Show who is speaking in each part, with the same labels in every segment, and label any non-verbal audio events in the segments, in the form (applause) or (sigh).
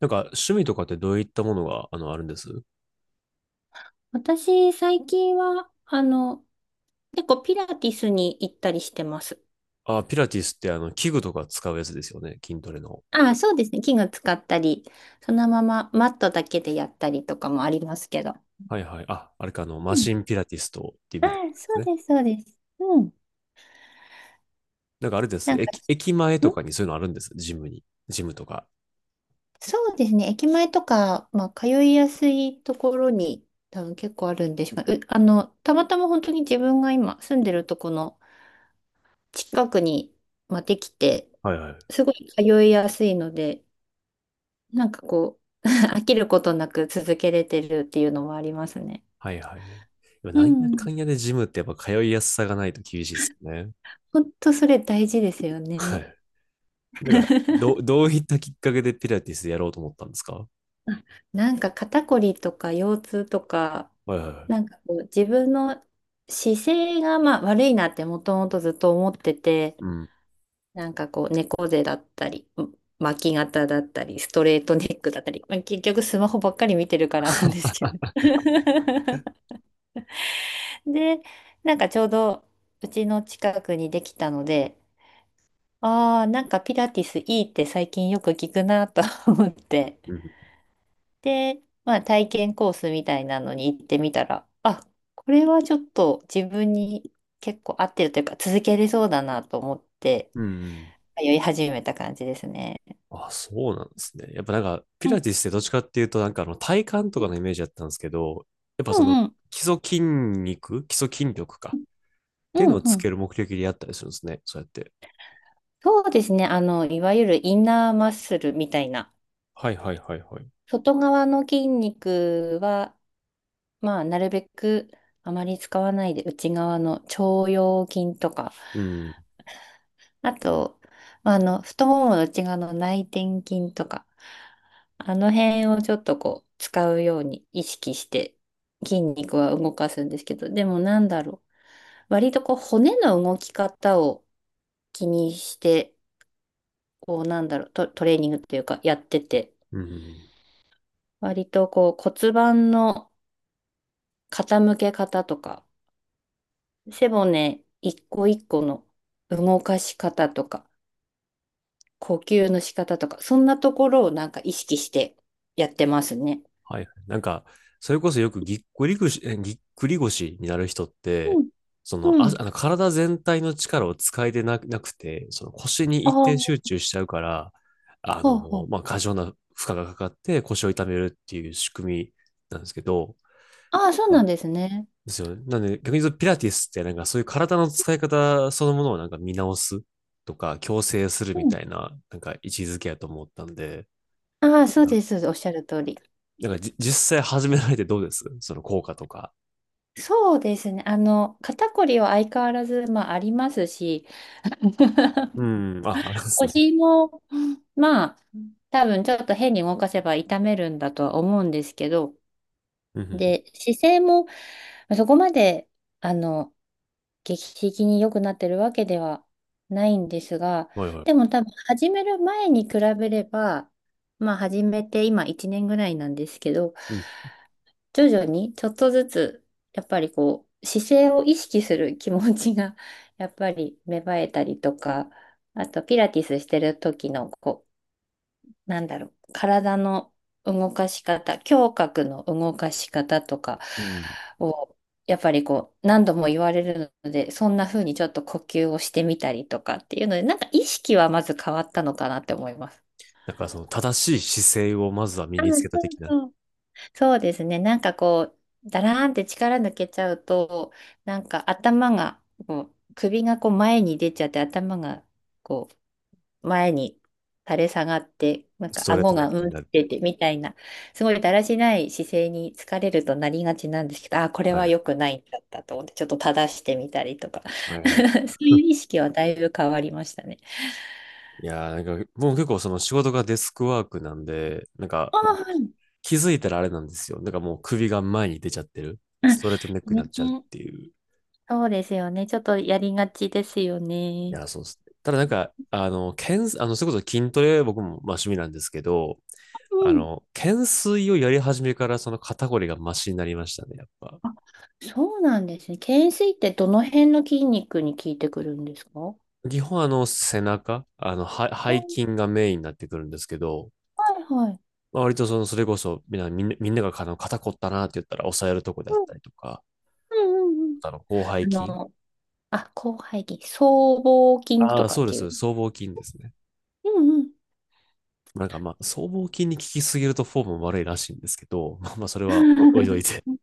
Speaker 1: なんか趣味とかってどういったものがあるんです
Speaker 2: 私、最近は、結構ピラティスに行ったりしてます。
Speaker 1: あ、ピラティスって器具とか使うやつですよね。筋トレの。
Speaker 2: ああ、そうですね。器具使ったり、そのままマットだけでやったりとかもありますけど。
Speaker 1: はいはい。あ、あれか、マ
Speaker 2: うん。
Speaker 1: シンピラティストっていう
Speaker 2: あ
Speaker 1: み
Speaker 2: あ、
Speaker 1: たいなんで
Speaker 2: そ
Speaker 1: す
Speaker 2: う
Speaker 1: ね。
Speaker 2: です、そうです。うん。
Speaker 1: なんかあれで
Speaker 2: な
Speaker 1: す。
Speaker 2: んか、
Speaker 1: 駅前と
Speaker 2: ん
Speaker 1: かにそういうのあるんです。ジムに。ジムとか。
Speaker 2: そうですね。駅前とか、まあ、通いやすいところに多分結構あるんでしょうね。あの、たまたま本当に自分が今住んでるとこの近くに、まあ、できて、
Speaker 1: はいはい。
Speaker 2: すごい通いやすいので、なんかこう、(laughs) 飽きることなく続けれてるっていうのはありますね。
Speaker 1: はいはい。今、
Speaker 2: う
Speaker 1: なんやか
Speaker 2: ん。
Speaker 1: んやでジムってやっぱ通いやすさがないと厳しいですよね。
Speaker 2: 本当それ大事ですよ
Speaker 1: は
Speaker 2: ね。
Speaker 1: い。なんか、どう、
Speaker 2: (laughs)
Speaker 1: どういったきっかけでピラティスやろうと思ったんですか？
Speaker 2: あなんか肩こりとか腰痛とか、
Speaker 1: はいはいはい。
Speaker 2: なんかこう自分の姿勢がまあ悪いなってもともとずっと思ってて、
Speaker 1: うん。
Speaker 2: なんかこう猫背だったり、うん、巻き肩だったり、ストレートネックだったり、まあ結局スマホばっかり見てるからなんです
Speaker 1: (laughs)
Speaker 2: けど。(laughs) で、なんかちょうどうちの近くにできたので、ああ、なんかピラティスいいって最近よく聞くなと (laughs) 思って。
Speaker 1: うん。
Speaker 2: で、まあ体験コースみたいなのに行ってみたら、あ、これはちょっと自分に結構合ってるというか続けれそうだなと思って
Speaker 1: うんうん。
Speaker 2: 通い始めた感じですね。
Speaker 1: あ、そうなんですね。やっぱなんか、ピ
Speaker 2: うん
Speaker 1: ラティスってどっちかっていうと、なんか体幹とかのイメージだったんですけど、やっぱ
Speaker 2: う
Speaker 1: その
Speaker 2: ん
Speaker 1: 基礎筋肉、基礎筋力かっ
Speaker 2: う
Speaker 1: ていう
Speaker 2: ん
Speaker 1: のを
Speaker 2: うん
Speaker 1: つ
Speaker 2: うん。
Speaker 1: ける目的でやったりするんですね。そうやって。
Speaker 2: そうですね。あの、いわゆるインナーマッスルみたいな。
Speaker 1: はいはいはいはい。
Speaker 2: 外側の筋肉は、まあ、なるべくあまり使わないで内側の腸腰筋とか、
Speaker 1: うん。
Speaker 2: あと、まあ、太ももの内側の内転筋とか、あの辺をちょっとこう、使うように意識して、筋肉は動かすんですけど、でもなんだろう。割とこう、骨の動き方を気にして、こう、なんだろう、トレーニングっていうか、やってて、
Speaker 1: うん。
Speaker 2: 割とこう、骨盤の傾け方とか、背骨一個一個の動かし方とか、呼吸の仕方とか、そんなところをなんか意識してやってますね。
Speaker 1: はい。なんか、それこそよくぎっくり腰になる人っ
Speaker 2: う
Speaker 1: て、
Speaker 2: ん、
Speaker 1: その、
Speaker 2: う
Speaker 1: あ、
Speaker 2: ん。
Speaker 1: あの体全体の力を使えてなくて、その腰に
Speaker 2: あ
Speaker 1: 一点
Speaker 2: あ、
Speaker 1: 集中しちゃうから、あ
Speaker 2: ほう
Speaker 1: の、
Speaker 2: ほう。
Speaker 1: まあ、過剰な負荷がかかって腰を痛めるっていう仕組みなんですけど、
Speaker 2: ああ、そう
Speaker 1: は
Speaker 2: な
Speaker 1: い、
Speaker 2: んですね。
Speaker 1: ですよね。なんで、逆に言うとピラティスってなんかそういう体の使い方そのものをなんか見直すとか、矯正するみ
Speaker 2: うん、
Speaker 1: たいな、なんか位置づけやと思ったんで、
Speaker 2: ああ、そうです、そうです。おっしゃる通り。
Speaker 1: なんか実際始められてどうですその効果とか。
Speaker 2: そうですね。あの、肩こりは相変わらず、まあ、ありますし、
Speaker 1: う
Speaker 2: (laughs)
Speaker 1: ん。あ、あれですね。
Speaker 2: 腰も、まあ、多分ちょっと変に動かせば痛めるんだとは思うんですけど、
Speaker 1: うんうんう
Speaker 2: で、姿勢もまあそこまで、あの、劇的に良くなってるわけではないんですが、
Speaker 1: ん。はいは
Speaker 2: で
Speaker 1: い。
Speaker 2: も多分始める前に比べれば、まあ始めて今1年ぐらいなんですけど、
Speaker 1: うん。
Speaker 2: 徐々にちょっとずつ、やっぱりこう、姿勢を意識する気持ちが、やっぱり芽生えたりとか、あとピラティスしてる時のなんだろう、体の動かし方、胸郭の動かし方とか
Speaker 1: うん。
Speaker 2: を、やっぱりこう、何度も言われるので、そんな風にちょっと呼吸をしてみたりとかっていうので、なんか意識はまず変わったのかなって思います。
Speaker 1: だからその正しい姿勢をまずは身
Speaker 2: あ、
Speaker 1: につけた的な。
Speaker 2: そう。そうですね。なんかこう、だらーんって力抜けちゃうと、なんか頭が、こう、首がこう前に出ちゃって頭がこう前に垂れ下がって、なん
Speaker 1: ス
Speaker 2: か
Speaker 1: トレー
Speaker 2: 顎
Speaker 1: トネッ
Speaker 2: が
Speaker 1: ク
Speaker 2: う
Speaker 1: に
Speaker 2: んっ
Speaker 1: なる。
Speaker 2: ててみたいな、すごいだらしない姿勢に疲れるとなりがちなんですけど、あ、これ
Speaker 1: は
Speaker 2: は
Speaker 1: い。
Speaker 2: 良くないんだったと思って、ちょっと正してみたりとか、
Speaker 1: はいはい。
Speaker 2: (laughs) そういう意識はだいぶ変わりましたね。
Speaker 1: いやーなんか、もう結構その仕事がデスクワークなんで、なんか
Speaker 2: あ
Speaker 1: も
Speaker 2: あ、
Speaker 1: う
Speaker 2: はい。
Speaker 1: 気づいたらあれなんですよ。なんかもう首が前に出ちゃってる。
Speaker 2: あ
Speaker 1: ストレートネックに
Speaker 2: ね、
Speaker 1: なっちゃうっていう。い
Speaker 2: そうですよね。ちょっとやりがちですよね。
Speaker 1: やー、そうですね。ただなんか、あの、それこそ筋トレ僕もまあ趣味なんですけど、
Speaker 2: う
Speaker 1: あ
Speaker 2: ん。
Speaker 1: の、懸垂をやり始めからその肩こりがマシになりましたね、やっぱ。
Speaker 2: あ、そうなんですね。懸垂ってどの辺の筋肉に効いてくるんですか？
Speaker 1: 基本あの背中、あのは背
Speaker 2: お、
Speaker 1: 筋がメインになってくるんですけど、
Speaker 2: はいはい。
Speaker 1: まあ、割とそのそれこそみんながあの肩こったなって言ったら押さえるとこであっ
Speaker 2: うん
Speaker 1: たりとか、
Speaker 2: うんうんうん。
Speaker 1: あの広背
Speaker 2: あ
Speaker 1: 筋。
Speaker 2: のあ、広背筋。僧帽筋
Speaker 1: あ
Speaker 2: と
Speaker 1: あ、
Speaker 2: か
Speaker 1: そ
Speaker 2: っ
Speaker 1: うで
Speaker 2: ていう。
Speaker 1: す。僧帽筋ですね。
Speaker 2: うん
Speaker 1: なんかまあ、僧帽筋に効きすぎるとフォーム悪いらしいんですけど、まあまあそれ
Speaker 2: う
Speaker 1: はお置いといて。
Speaker 2: ん。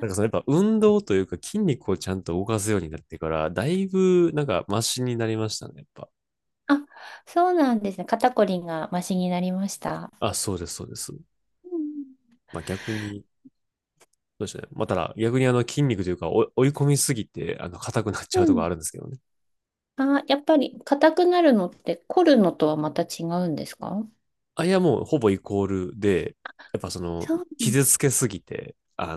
Speaker 1: な んかそのやっぱ運動というか筋肉をちゃんと動かすようになってから、だいぶなんかマシになりましたね、やっぱ。
Speaker 2: あ、そうなんですね。肩こりがマシになりました。
Speaker 1: あ、そうです、そうです。
Speaker 2: うん
Speaker 1: まあ逆に、そうですね。まあ、ただ、逆にあの筋肉というか、追い込みすぎて、硬くなっち
Speaker 2: う
Speaker 1: ゃうところ
Speaker 2: ん。
Speaker 1: あるんですけどね。
Speaker 2: あ、やっぱり硬くなるのって凝るのとはまた違うんですか？
Speaker 1: あいや、もうほぼイコールで、やっぱその、
Speaker 2: そうなん
Speaker 1: 傷つけすぎて、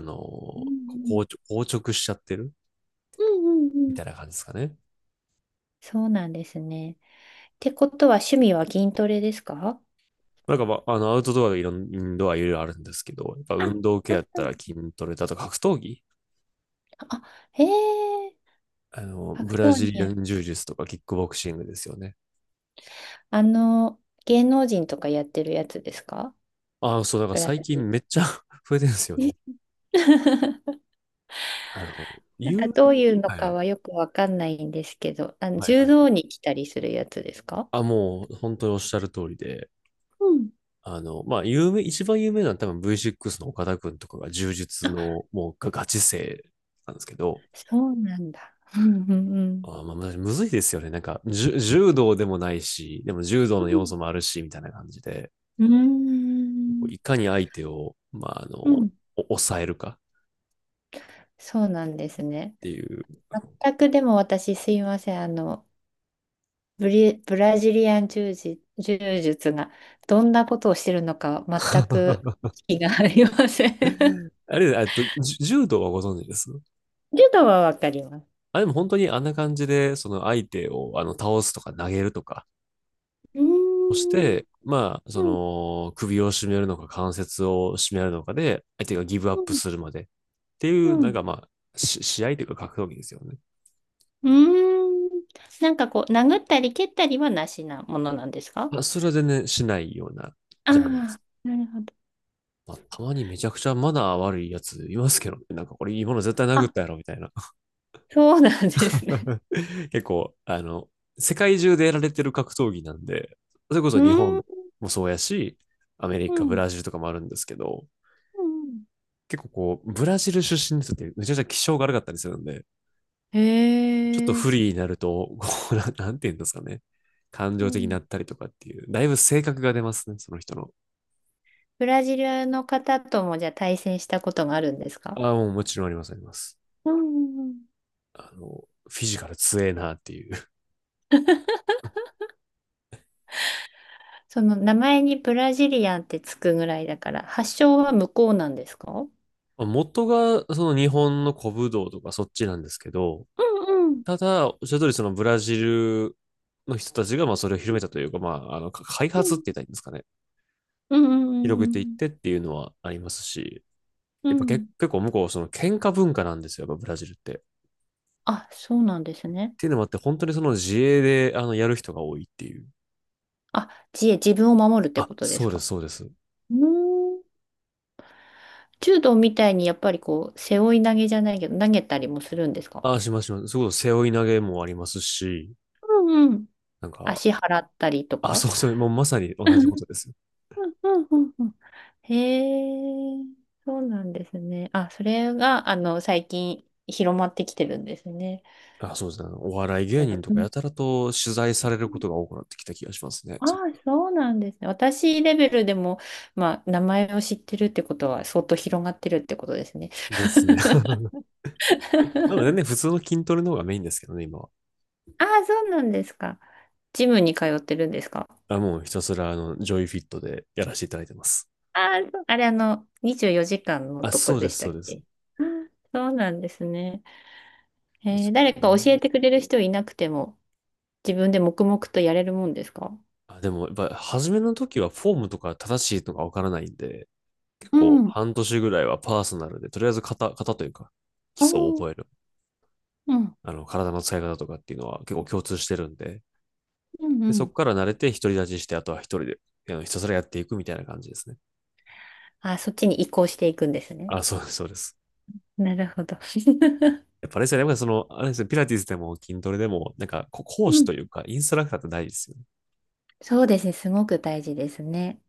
Speaker 2: うん
Speaker 1: 硬直しちゃってる
Speaker 2: うんうんうん
Speaker 1: み
Speaker 2: うん。
Speaker 1: たいな感じですかね。
Speaker 2: そうなんですね。ってことは趣味は筋トレですか？
Speaker 1: なんか、まあ、あの、アウトドアがいろん、インドアいろいろあるんですけど、やっぱ
Speaker 2: あ、
Speaker 1: 運動系
Speaker 2: あ、
Speaker 1: やっ
Speaker 2: そ
Speaker 1: た
Speaker 2: う、
Speaker 1: ら筋トレだとか格闘技、
Speaker 2: あ、へえ、格
Speaker 1: ブラ
Speaker 2: 闘に
Speaker 1: ジリア
Speaker 2: や、
Speaker 1: ン柔術とかキックボクシングですよね。
Speaker 2: あの、芸能人とかやってるやつですか？
Speaker 1: ああ、そう、なんか
Speaker 2: ぐら
Speaker 1: 最
Speaker 2: い。
Speaker 1: 近めっちゃ (laughs) 増えてるんですよね。
Speaker 2: (laughs)
Speaker 1: あの、
Speaker 2: なんか
Speaker 1: 遊
Speaker 2: どう
Speaker 1: 園、
Speaker 2: いうの
Speaker 1: は
Speaker 2: か
Speaker 1: い、
Speaker 2: はよくわかんないんですけど、あの
Speaker 1: はい、
Speaker 2: 柔
Speaker 1: はい。
Speaker 2: 道に来たりするやつですか？
Speaker 1: あ、もう本当におっしゃる通りで、
Speaker 2: うん。
Speaker 1: あの、まあ、一番有名なのは多分 V6 の岡田くんとかが柔術
Speaker 2: あ、
Speaker 1: の、もうガチ勢なんですけど、
Speaker 2: そうなんだ。うんうんうん。
Speaker 1: あ、まあ、むずいですよね。なんか、柔道でもないし、でも柔道
Speaker 2: う
Speaker 1: の要
Speaker 2: ん。
Speaker 1: 素もあるし、みたいな感じで、
Speaker 2: う
Speaker 1: こう
Speaker 2: ん。
Speaker 1: いかに相手を、まあ、
Speaker 2: うん。
Speaker 1: 抑えるか
Speaker 2: そうなんですね。
Speaker 1: っていう。
Speaker 2: 全くでも私すいません。あの、ブラジリアン柔術、柔術がどんなことをしてるのか全く
Speaker 1: (laughs)
Speaker 2: 気がありません。(laughs)
Speaker 1: あれ、えっと、柔道はご存知です
Speaker 2: 柔道はわかります。
Speaker 1: あ、でも本当にあんな感じで、その相手を、あの、倒すとか投げるとか
Speaker 2: うー
Speaker 1: をし
Speaker 2: ん。
Speaker 1: て、まあ、そ
Speaker 2: うん。
Speaker 1: の、首を絞めるのか関節を絞めるのかで、相手がギブアッ
Speaker 2: う
Speaker 1: プ
Speaker 2: ん。
Speaker 1: するまでってい
Speaker 2: う
Speaker 1: う、なんか
Speaker 2: ん
Speaker 1: まあ、試合というか格闘技ですよね。
Speaker 2: うーん。なんかこう、殴ったり蹴ったりはなしなものなんですか？
Speaker 1: まあ、それは全然しないような
Speaker 2: あ
Speaker 1: ジャンルです。
Speaker 2: あ、なるほど。
Speaker 1: まあ、たまにめちゃくちゃマナー悪いやついますけどね、なんかこれいいもの絶対
Speaker 2: あ、
Speaker 1: 殴ったやろみたいな。
Speaker 2: そうなんですね。
Speaker 1: (laughs) 結構、世界中でやられてる格闘技なんで、それこ
Speaker 2: (laughs) う
Speaker 1: そ日
Speaker 2: ー
Speaker 1: 本
Speaker 2: ん。
Speaker 1: もそうやし、アメリ
Speaker 2: う
Speaker 1: カ、ブ
Speaker 2: ん
Speaker 1: ラジルとかもあるんですけど、
Speaker 2: うん。
Speaker 1: 結構こう、ブラジル出身の人ってめちゃくちゃ気性が悪かったりするんで、
Speaker 2: へ
Speaker 1: ちょっと不
Speaker 2: え。
Speaker 1: 利になると、(laughs) こう、なんて言うんですかね。感
Speaker 2: う
Speaker 1: 情的に
Speaker 2: ん。
Speaker 1: なったりとかっていう、だいぶ性格が出ますね、その人の。
Speaker 2: ブラジルの方ともじゃあ対戦したことがあるんですか？
Speaker 1: ああ、もうもちろんあります、あります。
Speaker 2: うんうんうん。
Speaker 1: あの、フィジカル強えなっていう。(laughs)
Speaker 2: その名前にブラジリアンってつくぐらいだから、発祥は向こうなんですか？うん
Speaker 1: まあ元がその日本の古武道とかそっちなんですけど、
Speaker 2: うん
Speaker 1: ただ、おっしゃる通りそのブラジルの人たちがまあそれを広めたというか、まあ、あの、開
Speaker 2: う
Speaker 1: 発って言
Speaker 2: ん
Speaker 1: ったらいいんですかね。
Speaker 2: うんうん
Speaker 1: 広
Speaker 2: う
Speaker 1: げていっ
Speaker 2: ん
Speaker 1: てっていうのはありますし、
Speaker 2: う
Speaker 1: や
Speaker 2: ん
Speaker 1: っ
Speaker 2: う
Speaker 1: ぱ結
Speaker 2: ん。
Speaker 1: 結構向こう、その喧嘩文化なんですよ、やっぱブラジルって。っ
Speaker 2: あ、そうなんですね。
Speaker 1: ていうのもあって、本当にその自衛で、やる人が多いっていう。
Speaker 2: あ、自衛、自分を守るって
Speaker 1: あ、
Speaker 2: ことで
Speaker 1: そ
Speaker 2: す
Speaker 1: うで
Speaker 2: か？
Speaker 1: す、そうです。
Speaker 2: うーん。柔道みたいにやっぱりこう、背負い投げじゃないけど、投げたりもするんですか？
Speaker 1: あ、しますします。そういうこと、背負い投げもありますし、
Speaker 2: うんうん。
Speaker 1: なんか、
Speaker 2: 足払ったりと
Speaker 1: あ、そ
Speaker 2: か。
Speaker 1: うそう、もうまさに
Speaker 2: う
Speaker 1: 同じことですよ。
Speaker 2: んうんうん。へえ、そうなんですね。あ、それが、あの、最近広まってきてるんですね。
Speaker 1: あ、そうですね。お笑い芸人と
Speaker 2: う
Speaker 1: か
Speaker 2: ん。
Speaker 1: やたらと取材されることが多くなってきた気がしますね。
Speaker 2: ああ、
Speaker 1: そ
Speaker 2: そうなんですね。私レベルでも、まあ、名前を知ってるってことは相当広がってるってことですね。
Speaker 1: うですね。
Speaker 2: (laughs)
Speaker 1: (laughs) まだね、普通の筋トレの方がメインですけどね、今は。
Speaker 2: ああ、そうなんですか。ジムに通ってるんですか？
Speaker 1: まあ、もうひたすら、ジョイフィットでやらせていただいてます。
Speaker 2: あー、あれあの、24時間の
Speaker 1: あ、
Speaker 2: とこ
Speaker 1: そう
Speaker 2: で
Speaker 1: で
Speaker 2: し
Speaker 1: す、
Speaker 2: た
Speaker 1: そう
Speaker 2: っ
Speaker 1: です。
Speaker 2: け？あー、そうなんですね。
Speaker 1: です
Speaker 2: えー
Speaker 1: か
Speaker 2: 誰か
Speaker 1: ね。
Speaker 2: 教えてくれる人いなくても、自分で黙々とやれるもんですか？
Speaker 1: あ、でも、やっぱ、初めの時はフォームとか正しいとかわからないんで、結
Speaker 2: う
Speaker 1: 構
Speaker 2: ん。
Speaker 1: 半年ぐらいはパーソナルで、とりあえず型というか、基
Speaker 2: お
Speaker 1: 礎を
Speaker 2: ー、
Speaker 1: 覚える。
Speaker 2: うん。
Speaker 1: あの、体の使い方とかっていうのは結構共通してるんで、
Speaker 2: うんう
Speaker 1: で、そ
Speaker 2: ん。
Speaker 1: こから慣れて独り立ちして、あとは一人で、ひたすらやっていくみたいな感じですね。
Speaker 2: あー、そっちに移行していくんですね。
Speaker 1: あ、そうです、そうです。
Speaker 2: なるほど。(laughs)
Speaker 1: やっぱあれですよね、やっぱりその、あれですよ、ピラティスでも筋トレでも、なんか、
Speaker 2: う
Speaker 1: 講師
Speaker 2: ん。
Speaker 1: というか、インストラクターって大事ですよね。
Speaker 2: (laughs) そうですね。すごく大事ですね。